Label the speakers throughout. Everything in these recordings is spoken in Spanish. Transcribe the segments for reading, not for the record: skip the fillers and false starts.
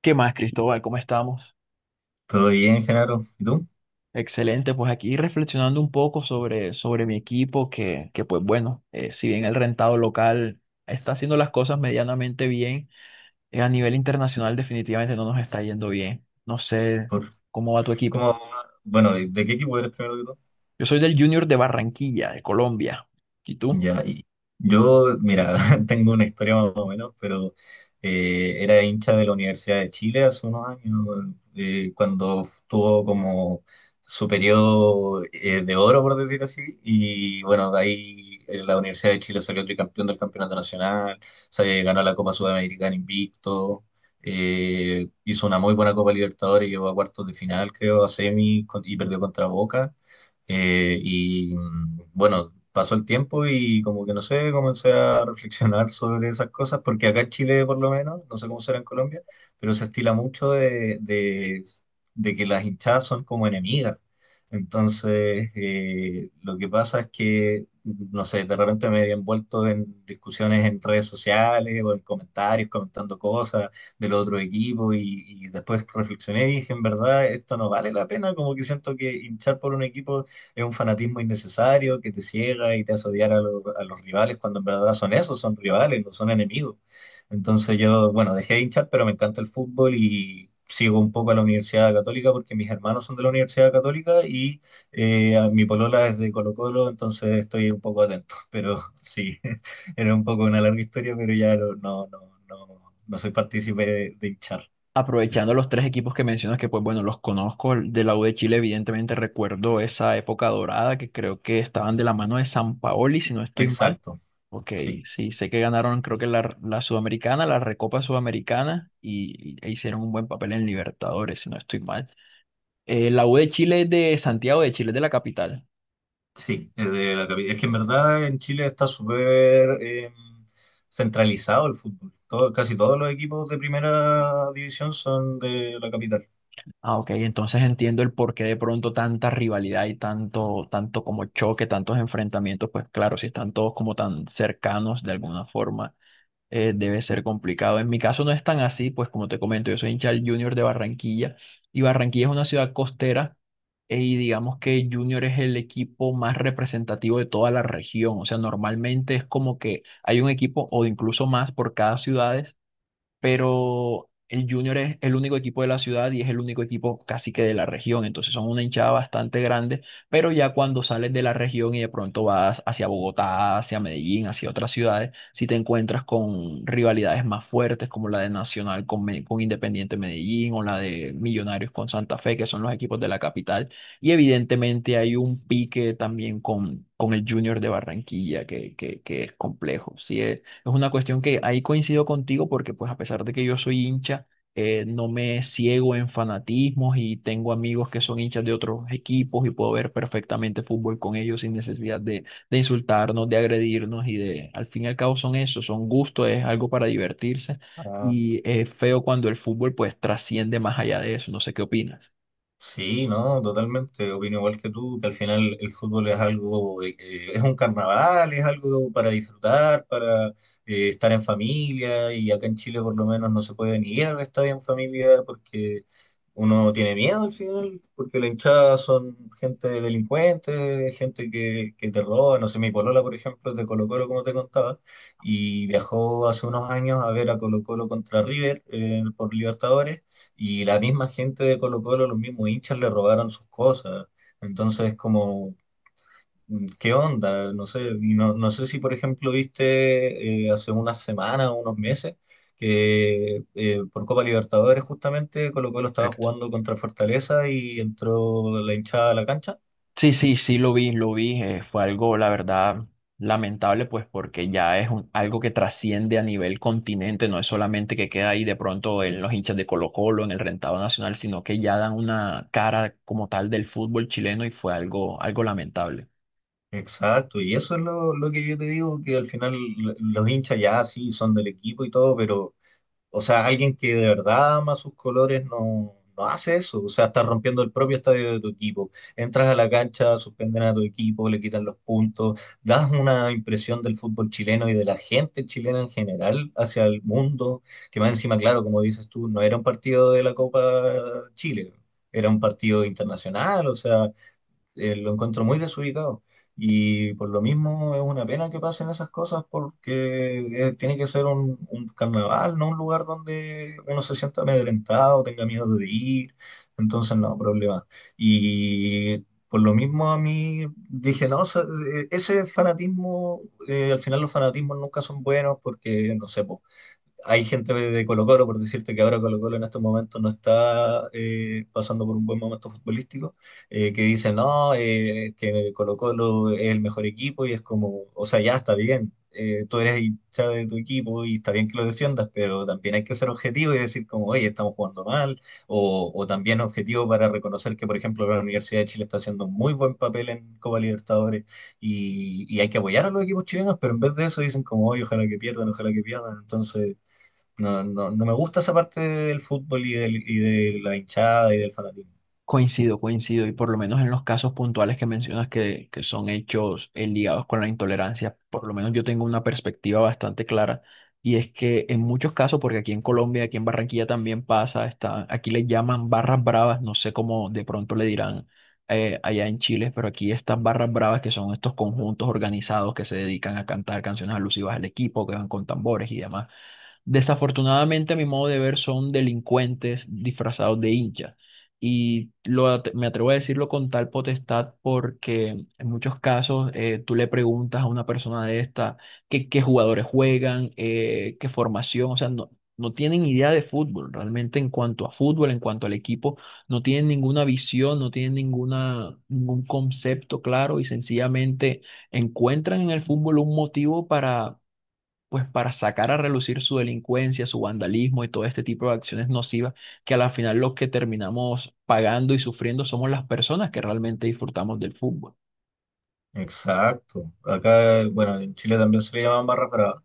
Speaker 1: ¿Qué más, Cristóbal? ¿Cómo estamos?
Speaker 2: Todo bien, Genaro. ¿Y tú?
Speaker 1: Excelente, pues aquí reflexionando un poco sobre mi equipo, que pues bueno, si bien el rentado local está haciendo las cosas medianamente bien, a nivel internacional definitivamente no nos está yendo bien. No sé
Speaker 2: ¿Por,
Speaker 1: cómo va tu equipo.
Speaker 2: cómo, bueno, ¿de qué equipo eres primero que?
Speaker 1: Yo soy del Junior de Barranquilla, de Colombia. ¿Y tú?
Speaker 2: Ya, y yo, mira, tengo una historia más o menos, pero era hincha de la Universidad de Chile hace unos años, cuando tuvo como su periodo de oro, por decir así. Y bueno, de ahí la Universidad de Chile salió tricampeón del Campeonato Nacional, se ganó la Copa Sudamericana invicto. Hizo una muy buena Copa Libertadores, llegó a cuartos de final, creo, a y perdió contra Boca. Bueno, pasó el tiempo y como que no sé, comencé a reflexionar sobre esas cosas, porque acá en Chile por lo menos, no sé cómo será en Colombia, pero se estila mucho de que las hinchadas son como enemigas. Entonces, lo que pasa es que, no sé, de repente me he envuelto en discusiones en redes sociales o en comentarios, comentando cosas del otro equipo y después reflexioné y dije, en verdad, esto no vale la pena. Como que siento que hinchar por un equipo es un fanatismo innecesario que te ciega y te hace odiar a, a los rivales, cuando en verdad son esos, son rivales, no son enemigos. Entonces yo, bueno, dejé de hinchar, pero me encanta el fútbol y sigo un poco a la Universidad Católica porque mis hermanos son de la Universidad Católica, y mi polola es de Colo-Colo, entonces estoy un poco atento. Pero sí, era un poco una larga historia, pero ya no soy partícipe de hinchar.
Speaker 1: Aprovechando los tres equipos que mencionas, que pues bueno, los conozco, el de la U de Chile, evidentemente recuerdo esa época dorada que creo que estaban de la mano de San Paoli, si no estoy mal.
Speaker 2: Exacto,
Speaker 1: Ok,
Speaker 2: sí.
Speaker 1: sí, sé que ganaron creo que la Sudamericana, la Recopa Sudamericana y, e hicieron un buen papel en Libertadores, si no estoy mal. La U de Chile es de Santiago de Chile, es de la capital.
Speaker 2: Sí, es de la capital. Es que en verdad en Chile está súper centralizado el fútbol. Casi todos los equipos de primera división son de la capital.
Speaker 1: Ah, ok, entonces entiendo el porqué de pronto tanta rivalidad y tanto como choque, tantos enfrentamientos, pues claro, si están todos como tan cercanos de alguna forma debe ser complicado. En mi caso no es tan así, pues como te comento, yo soy hincha del Junior de Barranquilla y Barranquilla es una ciudad costera y digamos que Junior es el equipo más representativo de toda la región. O sea, normalmente es como que hay un equipo o incluso más por cada ciudad, pero el Junior es el único equipo de la ciudad y es el único equipo casi que de la región, entonces son una hinchada bastante grande, pero ya cuando sales de la región y de pronto vas hacia Bogotá, hacia Medellín, hacia otras ciudades, si te encuentras con rivalidades más fuertes como la de Nacional con Independiente Medellín o la de Millonarios con Santa Fe, que son los equipos de la capital, y evidentemente hay un pique también con el Junior de Barranquilla que es complejo, sí, es una cuestión que ahí coincido contigo porque pues a pesar de que yo soy hincha, no me ciego en fanatismos y tengo amigos que son hinchas de otros equipos y puedo ver perfectamente fútbol con ellos sin necesidad de insultarnos, de agredirnos y de, al fin y al cabo son eso, son gustos, es algo para divertirse,
Speaker 2: Ah.
Speaker 1: y es feo cuando el fútbol pues trasciende más allá de eso, no sé qué opinas.
Speaker 2: Sí, no, totalmente. Opino igual que tú, que al final el fútbol es algo, es un carnaval, es algo para disfrutar, para estar en familia. Y acá en Chile, por lo menos, no se puede ni ir al estadio en familia porque uno tiene miedo al final, porque la hinchada son gente delincuente, gente que te roba. No sé, mi polola, por ejemplo, es de Colo-Colo, como te contaba, y viajó hace unos años a ver a Colo-Colo contra River por Libertadores, y la misma gente de Colo Colo, los mismos hinchas le robaron sus cosas. Entonces, como, ¿qué onda? No sé, y no, no sé si, por ejemplo, viste hace unas semanas o unos meses que por Copa Libertadores justamente Colo Colo estaba
Speaker 1: Héctor.
Speaker 2: jugando contra Fortaleza y entró la hinchada a la cancha.
Speaker 1: Sí, sí, sí, lo vi, lo vi. Fue algo, la verdad, lamentable, pues porque ya algo que trasciende a nivel continente, no es solamente que queda ahí de pronto en los hinchas de Colo-Colo, en el rentado nacional, sino que ya dan una cara como tal del fútbol chileno y fue algo, algo lamentable.
Speaker 2: Exacto, y eso es lo que yo te digo, que al final los hinchas ya sí son del equipo y todo, pero o sea, alguien que de verdad ama sus colores no, no hace eso. O sea, estás rompiendo el propio estadio de tu equipo. Entras a la cancha, suspenden a tu equipo, le quitan los puntos, das una impresión del fútbol chileno y de la gente chilena en general hacia el mundo, que más encima, claro, como dices tú, no era un partido de la Copa Chile, era un partido internacional. O sea, lo encuentro muy desubicado. Y por lo mismo es una pena que pasen esas cosas, porque tiene que ser un carnaval, no un lugar donde uno se sienta amedrentado, tenga miedo de ir. Entonces, no, problema. Y por lo mismo a mí dije, no, se- ese fanatismo, al final los fanatismos nunca son buenos porque, no sé, pues, hay gente de Colo Colo, por decirte que ahora Colo Colo en estos momentos no está pasando por un buen momento futbolístico, que dicen, no, que Colo Colo es el mejor equipo y es como, o sea, ya está bien, tú eres hincha de tu equipo y está bien que lo defiendas, pero también hay que ser objetivo y decir como, oye, estamos jugando mal, o también objetivo para reconocer que, por ejemplo, la Universidad de Chile está haciendo un muy buen papel en Copa Libertadores, y hay que apoyar a los equipos chilenos, pero en vez de eso dicen como, oye, ojalá que pierdan, entonces... No, no, no me gusta esa parte del fútbol y, y de la hinchada y del fanatismo.
Speaker 1: Coincido, coincido, y por lo menos en los casos puntuales que mencionas que son hechos ligados con la intolerancia, por lo menos yo tengo una perspectiva bastante clara, y es que en muchos casos, porque aquí en Colombia, aquí en Barranquilla también pasa, está, aquí le llaman barras bravas, no sé cómo de pronto le dirán allá en Chile, pero aquí estas barras bravas que son estos conjuntos organizados que se dedican a cantar canciones alusivas al equipo, que van con tambores y demás. Desafortunadamente, a mi modo de ver, son delincuentes disfrazados de hinchas. Y me atrevo a decirlo con tal potestad porque en muchos casos tú le preguntas a una persona de esta qué jugadores juegan, qué formación, o sea, no, no tienen idea de fútbol realmente en cuanto a fútbol, en cuanto al equipo, no tienen ninguna visión, no tienen ninguna, ningún concepto claro y sencillamente encuentran en el fútbol un motivo para pues para sacar a relucir su delincuencia, su vandalismo y todo este tipo de acciones nocivas que a la final los que terminamos pagando y sufriendo somos las personas que realmente disfrutamos del fútbol.
Speaker 2: Exacto. Acá, bueno, en Chile también se le llaman barras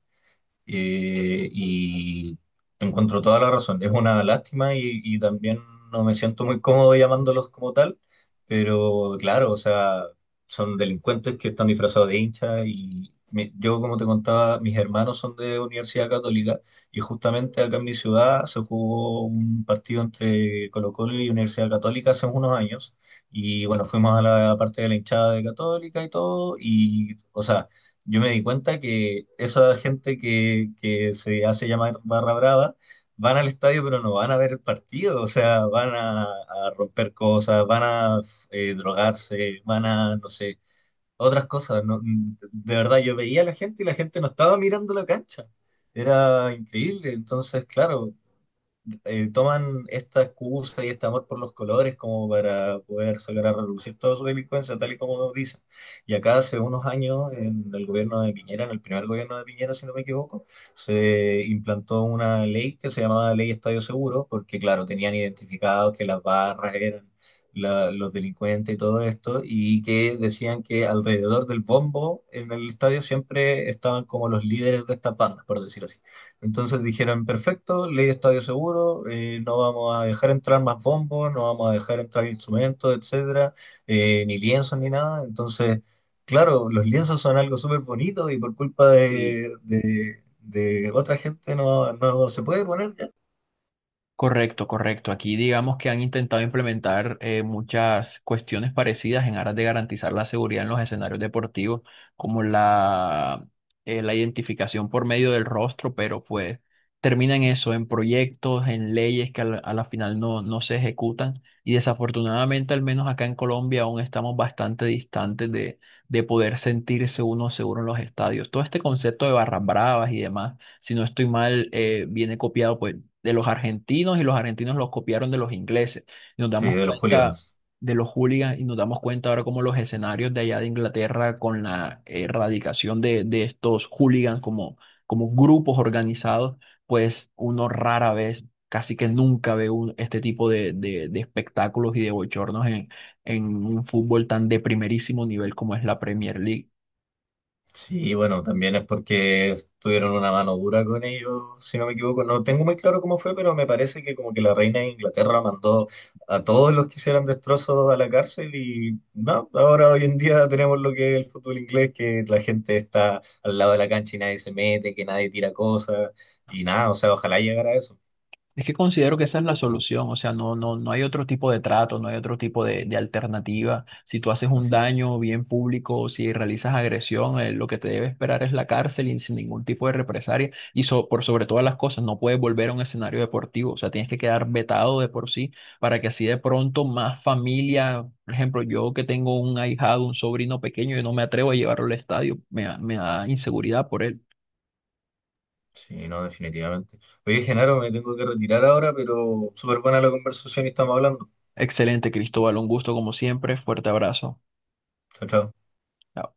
Speaker 2: Eh, y te encuentro toda la razón. Es una lástima, y también no me siento muy cómodo llamándolos como tal, pero claro, o sea, son delincuentes que están disfrazados de hinchas. Y yo, como te contaba, mis hermanos son de Universidad Católica y justamente acá en mi ciudad se jugó un partido entre Colo-Colo y Universidad Católica hace unos años, y bueno, fuimos a la parte de la hinchada de Católica y todo, y, o sea, yo me di cuenta que esa gente que se hace llamar barra brava van al estadio pero no van a ver el partido. O sea, van a romper cosas, van a drogarse, van a, no sé, otras cosas. No, de verdad, yo veía a la gente y la gente no estaba mirando la cancha. Era increíble. Entonces, claro, toman esta excusa y este amor por los colores como para poder sacar a relucir toda su delincuencia, tal y como dicen. Y acá hace unos años, en el gobierno de Piñera, en el primer gobierno de Piñera, si no me equivoco, se implantó una ley que se llamaba Ley Estadio Seguro, porque claro, tenían identificado que las barras eran los delincuentes y todo esto, y que decían que alrededor del bombo en el estadio siempre estaban como los líderes de estas bandas, por decir así. Entonces dijeron, perfecto, ley de estadio seguro, no vamos a dejar entrar más bombos, no vamos a dejar entrar instrumentos, etcétera, ni lienzos ni nada. Entonces, claro, los lienzos son algo súper bonito y por culpa de, de otra gente no, no se puede poner ya.
Speaker 1: Correcto, correcto. Aquí digamos que han intentado implementar muchas cuestiones parecidas en aras de garantizar la seguridad en los escenarios deportivos, como la identificación por medio del rostro, pero pues terminan eso en proyectos, en leyes que a a la final no, no se ejecutan. Y desafortunadamente, al menos acá en Colombia, aún estamos bastante distantes de poder sentirse uno seguro en los estadios. Todo este concepto de barras bravas y demás, si no estoy mal, viene copiado pues de los argentinos y los argentinos los copiaron de los ingleses. Y nos
Speaker 2: Sí,
Speaker 1: damos
Speaker 2: de los
Speaker 1: cuenta
Speaker 2: hooligans.
Speaker 1: de los hooligans y nos damos cuenta ahora como los escenarios de allá de Inglaterra con la erradicación de estos hooligans como, como grupos organizados, pues uno rara vez, casi que nunca este tipo de espectáculos y de bochornos en un fútbol tan de primerísimo nivel como es la Premier League.
Speaker 2: Sí, bueno, también es porque tuvieron una mano dura con ellos, si no me equivoco. No tengo muy claro cómo fue, pero me parece que como que la reina de Inglaterra mandó a todos los que hicieran destrozos a la cárcel, y no, ahora hoy en día tenemos lo que es el fútbol inglés, que la gente está al lado de la cancha y nadie se mete, que nadie tira cosas y nada, o sea, ojalá llegara a eso.
Speaker 1: Es que considero que esa es la solución, o sea, no, no, no hay otro tipo de trato, no hay otro tipo de alternativa. Si tú haces un
Speaker 2: Así es.
Speaker 1: daño bien público, si realizas agresión, lo que te debe esperar es la cárcel y sin ningún tipo de represalia. Y por sobre todas las cosas, no puedes volver a un escenario deportivo, o sea, tienes que quedar vetado de por sí para que así de pronto más familia, por ejemplo, yo que tengo un ahijado, un sobrino pequeño, yo no me atrevo a llevarlo al estadio, me da inseguridad por él.
Speaker 2: Sí, no, definitivamente. Oye, Genaro, me tengo que retirar ahora, pero súper buena la conversación y estamos hablando.
Speaker 1: Excelente, Cristóbal, un gusto como siempre, fuerte abrazo.
Speaker 2: Chao, chao.
Speaker 1: Chao.